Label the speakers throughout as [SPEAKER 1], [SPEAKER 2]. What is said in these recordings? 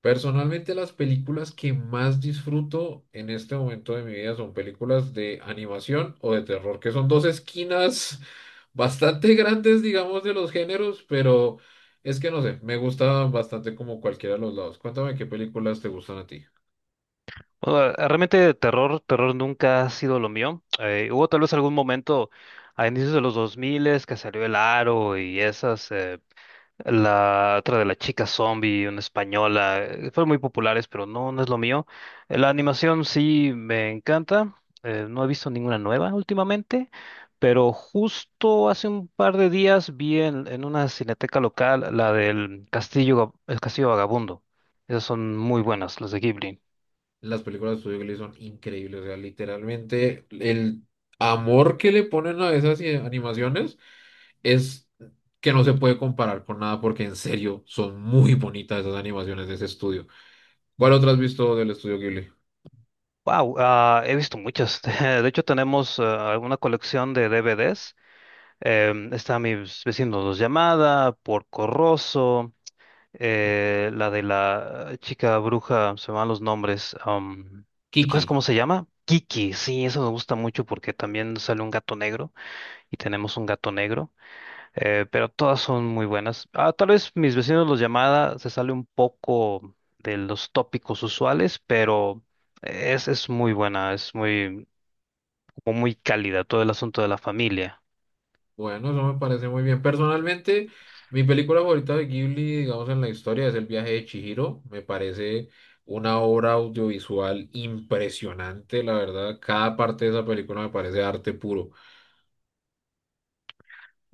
[SPEAKER 1] Personalmente, las películas que más disfruto en este momento de mi vida son películas de animación o de terror, que son dos esquinas bastante grandes, digamos, de los géneros, pero es que no sé, me gusta bastante como cualquiera de los lados. Cuéntame qué películas te gustan a ti.
[SPEAKER 2] Bueno, realmente terror, nunca ha sido lo mío. Hubo tal vez algún momento a inicios de los 2000 que salió El Aro y esas, la otra de la chica zombie, una española, fueron muy populares, pero no, no es lo mío. La animación sí me encanta, no he visto ninguna nueva últimamente, pero justo hace un par de días vi en una cineteca local la del Castillo, El Castillo Vagabundo. Esas son muy buenas, las de Ghibli.
[SPEAKER 1] Las películas de Studio Ghibli son increíbles, o sea, literalmente el amor que le ponen a esas animaciones es que no se puede comparar con nada, porque en serio son muy bonitas esas animaciones de ese estudio. ¿Cuál otra has visto del estudio Ghibli?
[SPEAKER 2] Wow, he visto muchas. De hecho, tenemos una colección de DVDs. Está Mis vecinos dos llamada, Porco Rosso, la de la chica bruja, se me van los nombres. ¿Te
[SPEAKER 1] Kiki.
[SPEAKER 2] acuerdas cómo se llama? Kiki, sí, eso me gusta mucho porque también sale un gato negro y tenemos un gato negro. Pero todas son muy buenas. Tal vez mis vecinos los llamada se sale un poco de los tópicos usuales, pero es muy buena, es muy, como muy cálida todo el asunto de la familia.
[SPEAKER 1] Bueno, eso me parece muy bien. Personalmente, mi película favorita de Ghibli, digamos en la historia, es El viaje de Chihiro. Me parece una obra audiovisual impresionante, la verdad. Cada parte de esa película me parece arte puro.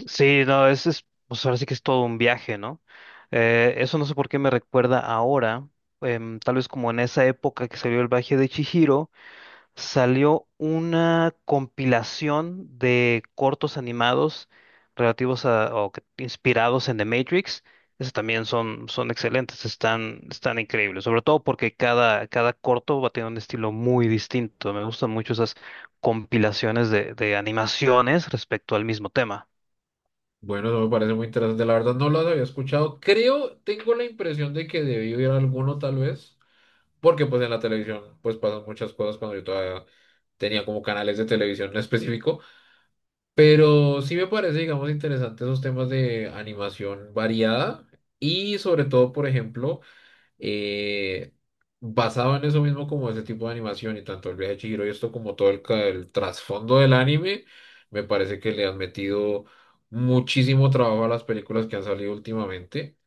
[SPEAKER 2] Sí, no, es, pues ahora sí que es todo un viaje, ¿no? Eso no sé por qué me recuerda ahora, tal vez como en esa época que salió el viaje de Chihiro. Salió una compilación de cortos animados relativos a, inspirados en The Matrix. Esos también son, son excelentes, están, están increíbles, sobre todo porque cada corto va a tener un estilo muy distinto. Me gustan mucho esas compilaciones de animaciones respecto al mismo tema.
[SPEAKER 1] Bueno, eso me parece muy interesante. La verdad, no las había escuchado. Creo, tengo la impresión de que debí ver alguno tal vez, porque pues en la televisión pues pasan muchas cosas cuando yo todavía tenía como canales de televisión en específico. Pero sí me parece, digamos, interesante esos temas de animación variada y sobre todo, por ejemplo, eh, basado en eso mismo como ese tipo de animación y tanto el viaje de Chihiro y esto como todo el trasfondo del anime, me parece que le han metido muchísimo trabajo a las películas que han salido últimamente.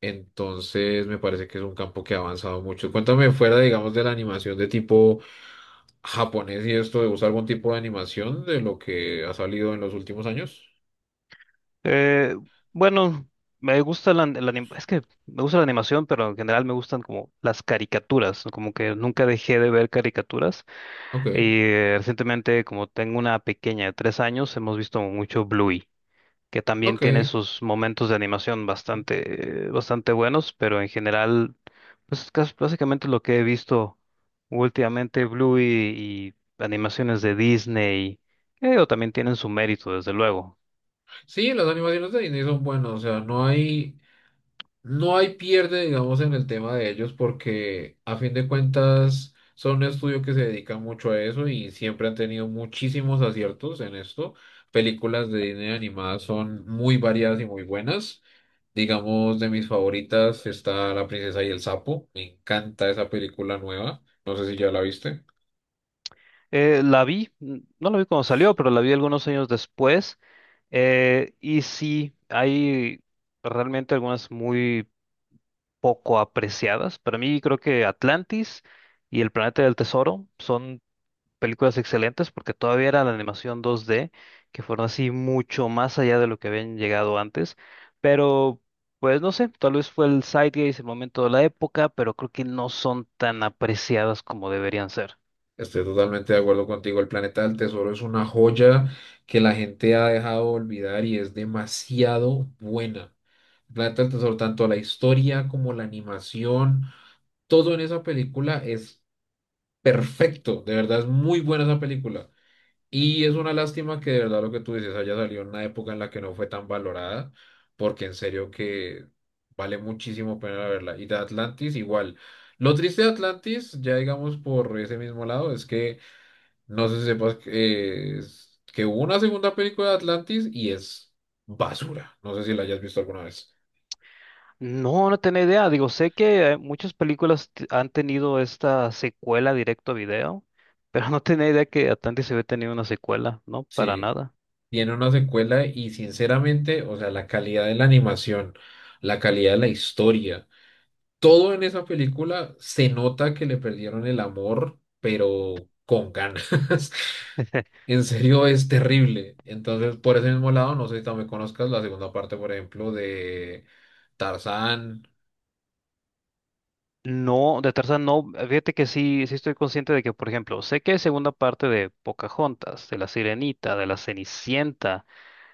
[SPEAKER 1] Entonces, me parece que es un campo que ha avanzado mucho. Cuéntame fuera, digamos, de la animación de tipo japonés y esto de usar algún tipo de animación de lo que ha salido en los últimos años.
[SPEAKER 2] Eh, bueno, me gusta la, la anim- es que me gusta la animación, pero en general me gustan como las caricaturas, ¿no? Como que nunca dejé de ver caricaturas.
[SPEAKER 1] Ok,
[SPEAKER 2] Y recientemente, como tengo una pequeña de 3 años, hemos visto mucho Bluey, que también tiene
[SPEAKER 1] ok.
[SPEAKER 2] sus momentos de animación bastante, bastante buenos, pero en general, pues es básicamente lo que he visto últimamente, Bluey y animaciones de Disney, que digo, también tienen su mérito, desde luego.
[SPEAKER 1] Sí, las animaciones de Disney son buenas, o sea, no hay pierde, digamos, en el tema de ellos, porque a fin de cuentas son un estudio que se dedica mucho a eso y siempre han tenido muchísimos aciertos en esto. Películas de Disney animadas son muy variadas y muy buenas. Digamos, de mis favoritas está La Princesa y el Sapo. Me encanta esa película nueva. No sé si ya la viste.
[SPEAKER 2] La vi, no la vi cuando salió, pero la vi algunos años después, y sí, hay realmente algunas muy poco apreciadas. Para mí creo que Atlantis y El Planeta del Tesoro son películas excelentes porque todavía era la animación 2D, que fueron así mucho más allá de lo que habían llegado antes. Pero, pues no sé, tal vez fue el zeitgeist, el momento de la época, pero creo que no son tan apreciadas como deberían ser.
[SPEAKER 1] Estoy totalmente de acuerdo contigo. El planeta del tesoro es una joya que la gente ha dejado de olvidar y es demasiado buena. El planeta del tesoro, tanto la historia como la animación, todo en esa película es perfecto. De verdad es muy buena esa película. Y es una lástima que de verdad lo que tú dices haya salido en una época en la que no fue tan valorada, porque en serio que vale muchísimo pena verla. Y de Atlantis igual. Lo triste de Atlantis, ya digamos por ese mismo lado, es que no sé si sepas que, que hubo una segunda película de Atlantis y es basura. No sé si la hayas visto alguna vez.
[SPEAKER 2] No, no tenía idea. Digo, sé que muchas películas han tenido esta secuela directo a video, pero no tenía idea que Atlantis se había tenido una secuela, ¿no? Para
[SPEAKER 1] Sí,
[SPEAKER 2] nada.
[SPEAKER 1] tiene una secuela y sinceramente, o sea, la calidad de la animación, la calidad de la historia, todo en esa película se nota que le perdieron el amor, pero con ganas. En serio, es terrible. Entonces, por ese mismo lado, no sé si también conozcas la segunda parte, por ejemplo, de Tarzán.
[SPEAKER 2] No, de Tarzán no, fíjate que sí, sí estoy consciente de que, por ejemplo, sé que hay segunda parte de Pocahontas, de La Sirenita, de La Cenicienta,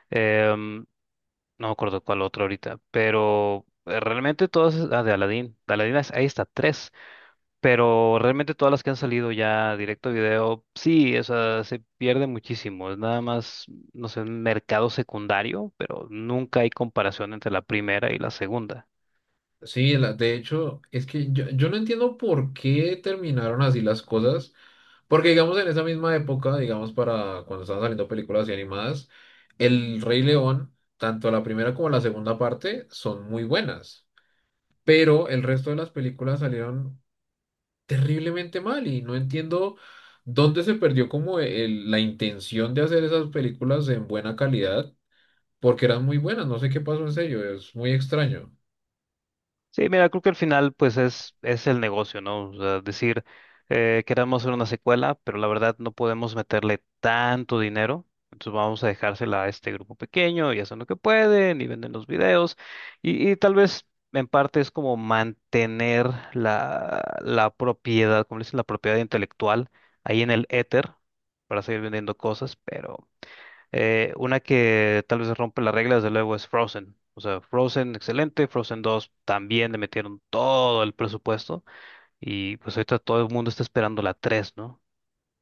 [SPEAKER 2] em, no me acuerdo cuál otro ahorita, pero realmente todas, ah, de Aladdin ahí está, tres, pero realmente todas las que han salido ya directo a video, sí, o sea, se pierde muchísimo, es nada más, no sé, un mercado secundario, pero nunca hay comparación entre la primera y la segunda.
[SPEAKER 1] Sí, la- de hecho, es que yo no entiendo por qué terminaron así las cosas, porque digamos en esa misma época, digamos para cuando estaban saliendo películas y animadas, El Rey León, tanto la primera como la segunda parte son muy buenas, pero el resto de las películas salieron terriblemente mal y no entiendo dónde se perdió como el- la intención de hacer esas películas en buena calidad, porque eran muy buenas, no sé qué pasó en serio, es muy extraño.
[SPEAKER 2] Sí, mira, creo que al final pues es el negocio, ¿no? O sea, decir, queremos hacer una secuela, pero la verdad no podemos meterle tanto dinero, entonces vamos a dejársela a este grupo pequeño y hacen lo que pueden y venden los videos y tal vez en parte es como mantener la propiedad, como le dicen, la propiedad intelectual ahí en el éter para seguir vendiendo cosas, pero... Una que tal vez rompe las reglas, de luego, es Frozen. O sea, Frozen, excelente. Frozen dos también le metieron todo el presupuesto. Y pues ahorita todo el mundo está esperando la tres, ¿no?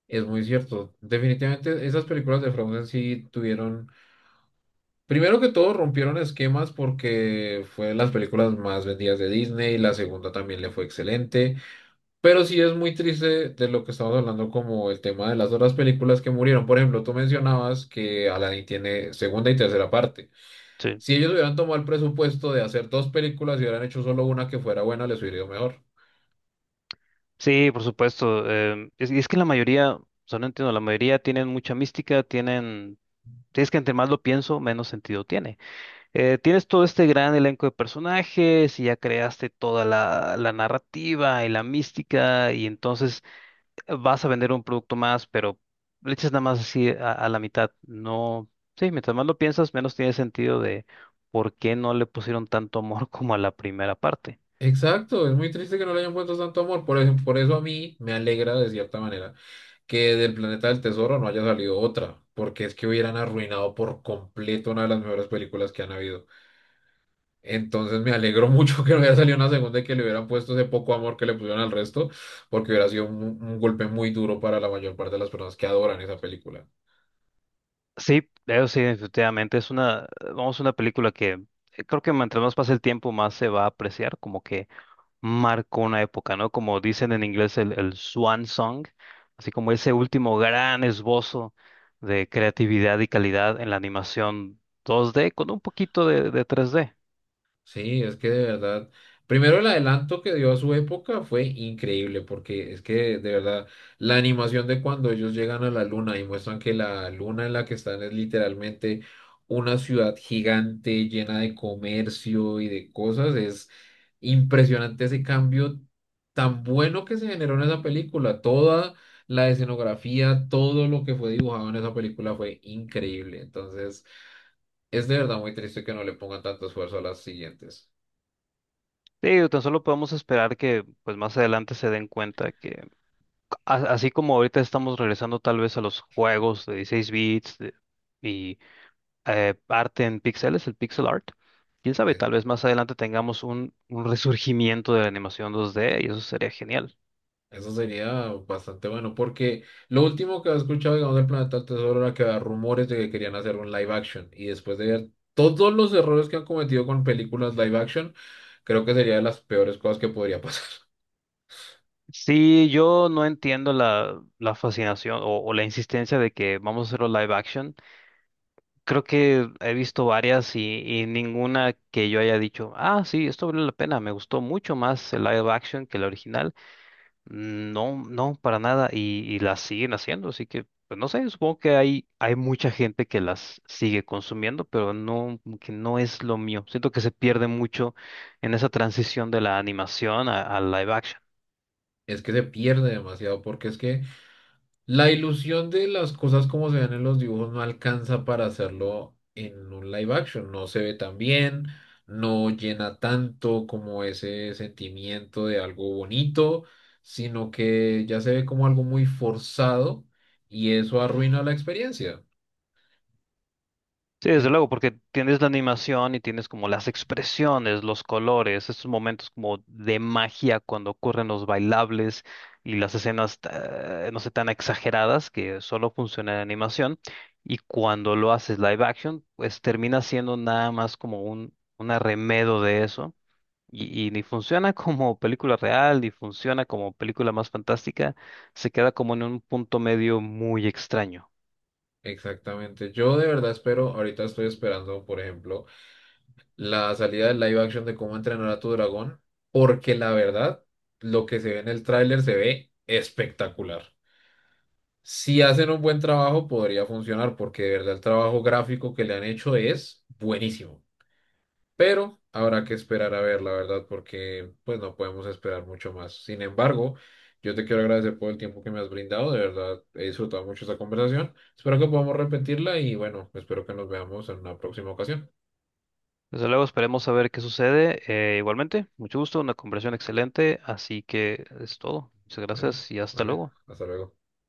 [SPEAKER 1] Es muy cierto. Definitivamente esas películas de Frozen sí tuvieron, primero que todo, rompieron esquemas porque fue de las películas más vendidas de Disney, la segunda también le fue excelente, pero sí es muy triste de lo que estamos hablando como el tema de las otras películas que murieron. Por ejemplo, tú mencionabas que Aladdin tiene segunda y tercera parte.
[SPEAKER 2] Sí.
[SPEAKER 1] Si ellos hubieran tomado el presupuesto de hacer dos películas y hubieran hecho solo una que fuera buena, les hubiera ido mejor.
[SPEAKER 2] Sí, por supuesto. Y es que la mayoría, o sea, no entiendo, la mayoría tienen mucha mística, tienen. Si Es que entre más lo pienso, menos sentido tiene. Tienes todo este gran elenco de personajes y ya creaste toda la narrativa y la mística, y entonces vas a vender un producto más, pero le echas nada más así a la mitad. No, sí, mientras más lo piensas, menos tiene sentido de por qué no le pusieron tanto amor como a la primera parte.
[SPEAKER 1] Exacto, es muy triste que no le hayan puesto tanto amor. Por eso a mí me alegra de cierta manera que del Planeta del Tesoro no haya salido otra, porque es que hubieran arruinado por completo una de las mejores películas que han habido. Entonces me alegro mucho que no haya salido una segunda y que le hubieran puesto ese poco amor que le pusieron al resto, porque hubiera sido un, golpe muy duro para la mayor parte de las personas que adoran esa película.
[SPEAKER 2] Sí, eso sí, definitivamente es una, vamos, una película que creo que mientras más pasa el tiempo, más se va a apreciar, como que marcó una época, ¿no? Como dicen en inglés el Swan Song, así como ese último gran esbozo de creatividad y calidad en la animación 2D con un poquito de 3D.
[SPEAKER 1] Sí, es que de verdad, primero el adelanto que dio a su época fue increíble, porque es que de verdad la animación de cuando ellos llegan a la luna y muestran que la luna en la que están es literalmente una ciudad gigante llena de comercio y de cosas, es impresionante ese cambio tan bueno que se generó en esa película. Toda la escenografía, todo lo que fue dibujado en esa película fue increíble. Entonces, es de verdad muy triste que no le pongan tanto esfuerzo a las siguientes.
[SPEAKER 2] Sí, o tan solo podemos esperar que pues más adelante se den cuenta que así como ahorita estamos regresando tal vez a los juegos de 16 bits. Y arte en píxeles, el pixel art, quién sabe,
[SPEAKER 1] Eh,
[SPEAKER 2] tal vez más adelante tengamos un resurgimiento de la animación 2D y eso sería genial.
[SPEAKER 1] Eso sería bastante bueno, porque lo último que he escuchado, digamos, del Planeta del Tesoro era que había rumores de que querían hacer un live action. Y después de ver todos los errores que han cometido con películas live action, creo que sería de las peores cosas que podría pasar.
[SPEAKER 2] Sí, yo no entiendo la fascinación o la insistencia de que vamos a hacerlo live action. Creo que he visto varias y ninguna que yo haya dicho, ah, sí, esto vale la pena, me gustó mucho más el live action que el original. No, no, para nada, y las siguen haciendo, así que, pues no sé, supongo que hay mucha gente que las sigue consumiendo, pero no, como que no es lo mío. Siento que se pierde mucho en esa transición de la animación al live action.
[SPEAKER 1] Es que se pierde demasiado, porque es que la ilusión de las cosas como se ven en los dibujos no alcanza para hacerlo en un live action. No se ve tan bien, no llena tanto como ese sentimiento de algo bonito, sino que ya se ve como algo muy forzado y eso arruina la experiencia.
[SPEAKER 2] Sí, desde
[SPEAKER 1] En-
[SPEAKER 2] luego, porque tienes la animación y tienes como las expresiones, los colores, esos momentos como de magia cuando ocurren los bailables y las escenas, no sé, tan exageradas que solo funciona en animación. Y cuando lo haces live action, pues termina siendo nada más como un arremedo de eso. Y ni funciona como película real, ni funciona como película más fantástica. Se queda como en un punto medio muy extraño.
[SPEAKER 1] Exactamente. Yo de verdad espero, ahorita estoy esperando, por ejemplo, la salida del live action de cómo entrenar a tu dragón, porque la verdad, lo que se ve en el tráiler se ve espectacular. Si hacen un buen trabajo, podría funcionar, porque de verdad el trabajo gráfico que le han hecho es buenísimo. Pero habrá que esperar a ver, la verdad, porque pues no podemos esperar mucho más. Sin embargo, yo te quiero agradecer por el tiempo que me has brindado. De verdad, he disfrutado mucho esta conversación. Espero que podamos repetirla y bueno, espero que nos veamos en una próxima ocasión.
[SPEAKER 2] Desde luego esperemos a ver qué sucede. Igualmente, mucho gusto, una conversación excelente, así que es todo. Muchas
[SPEAKER 1] Bueno,
[SPEAKER 2] gracias y hasta
[SPEAKER 1] vale,
[SPEAKER 2] luego.
[SPEAKER 1] hasta luego.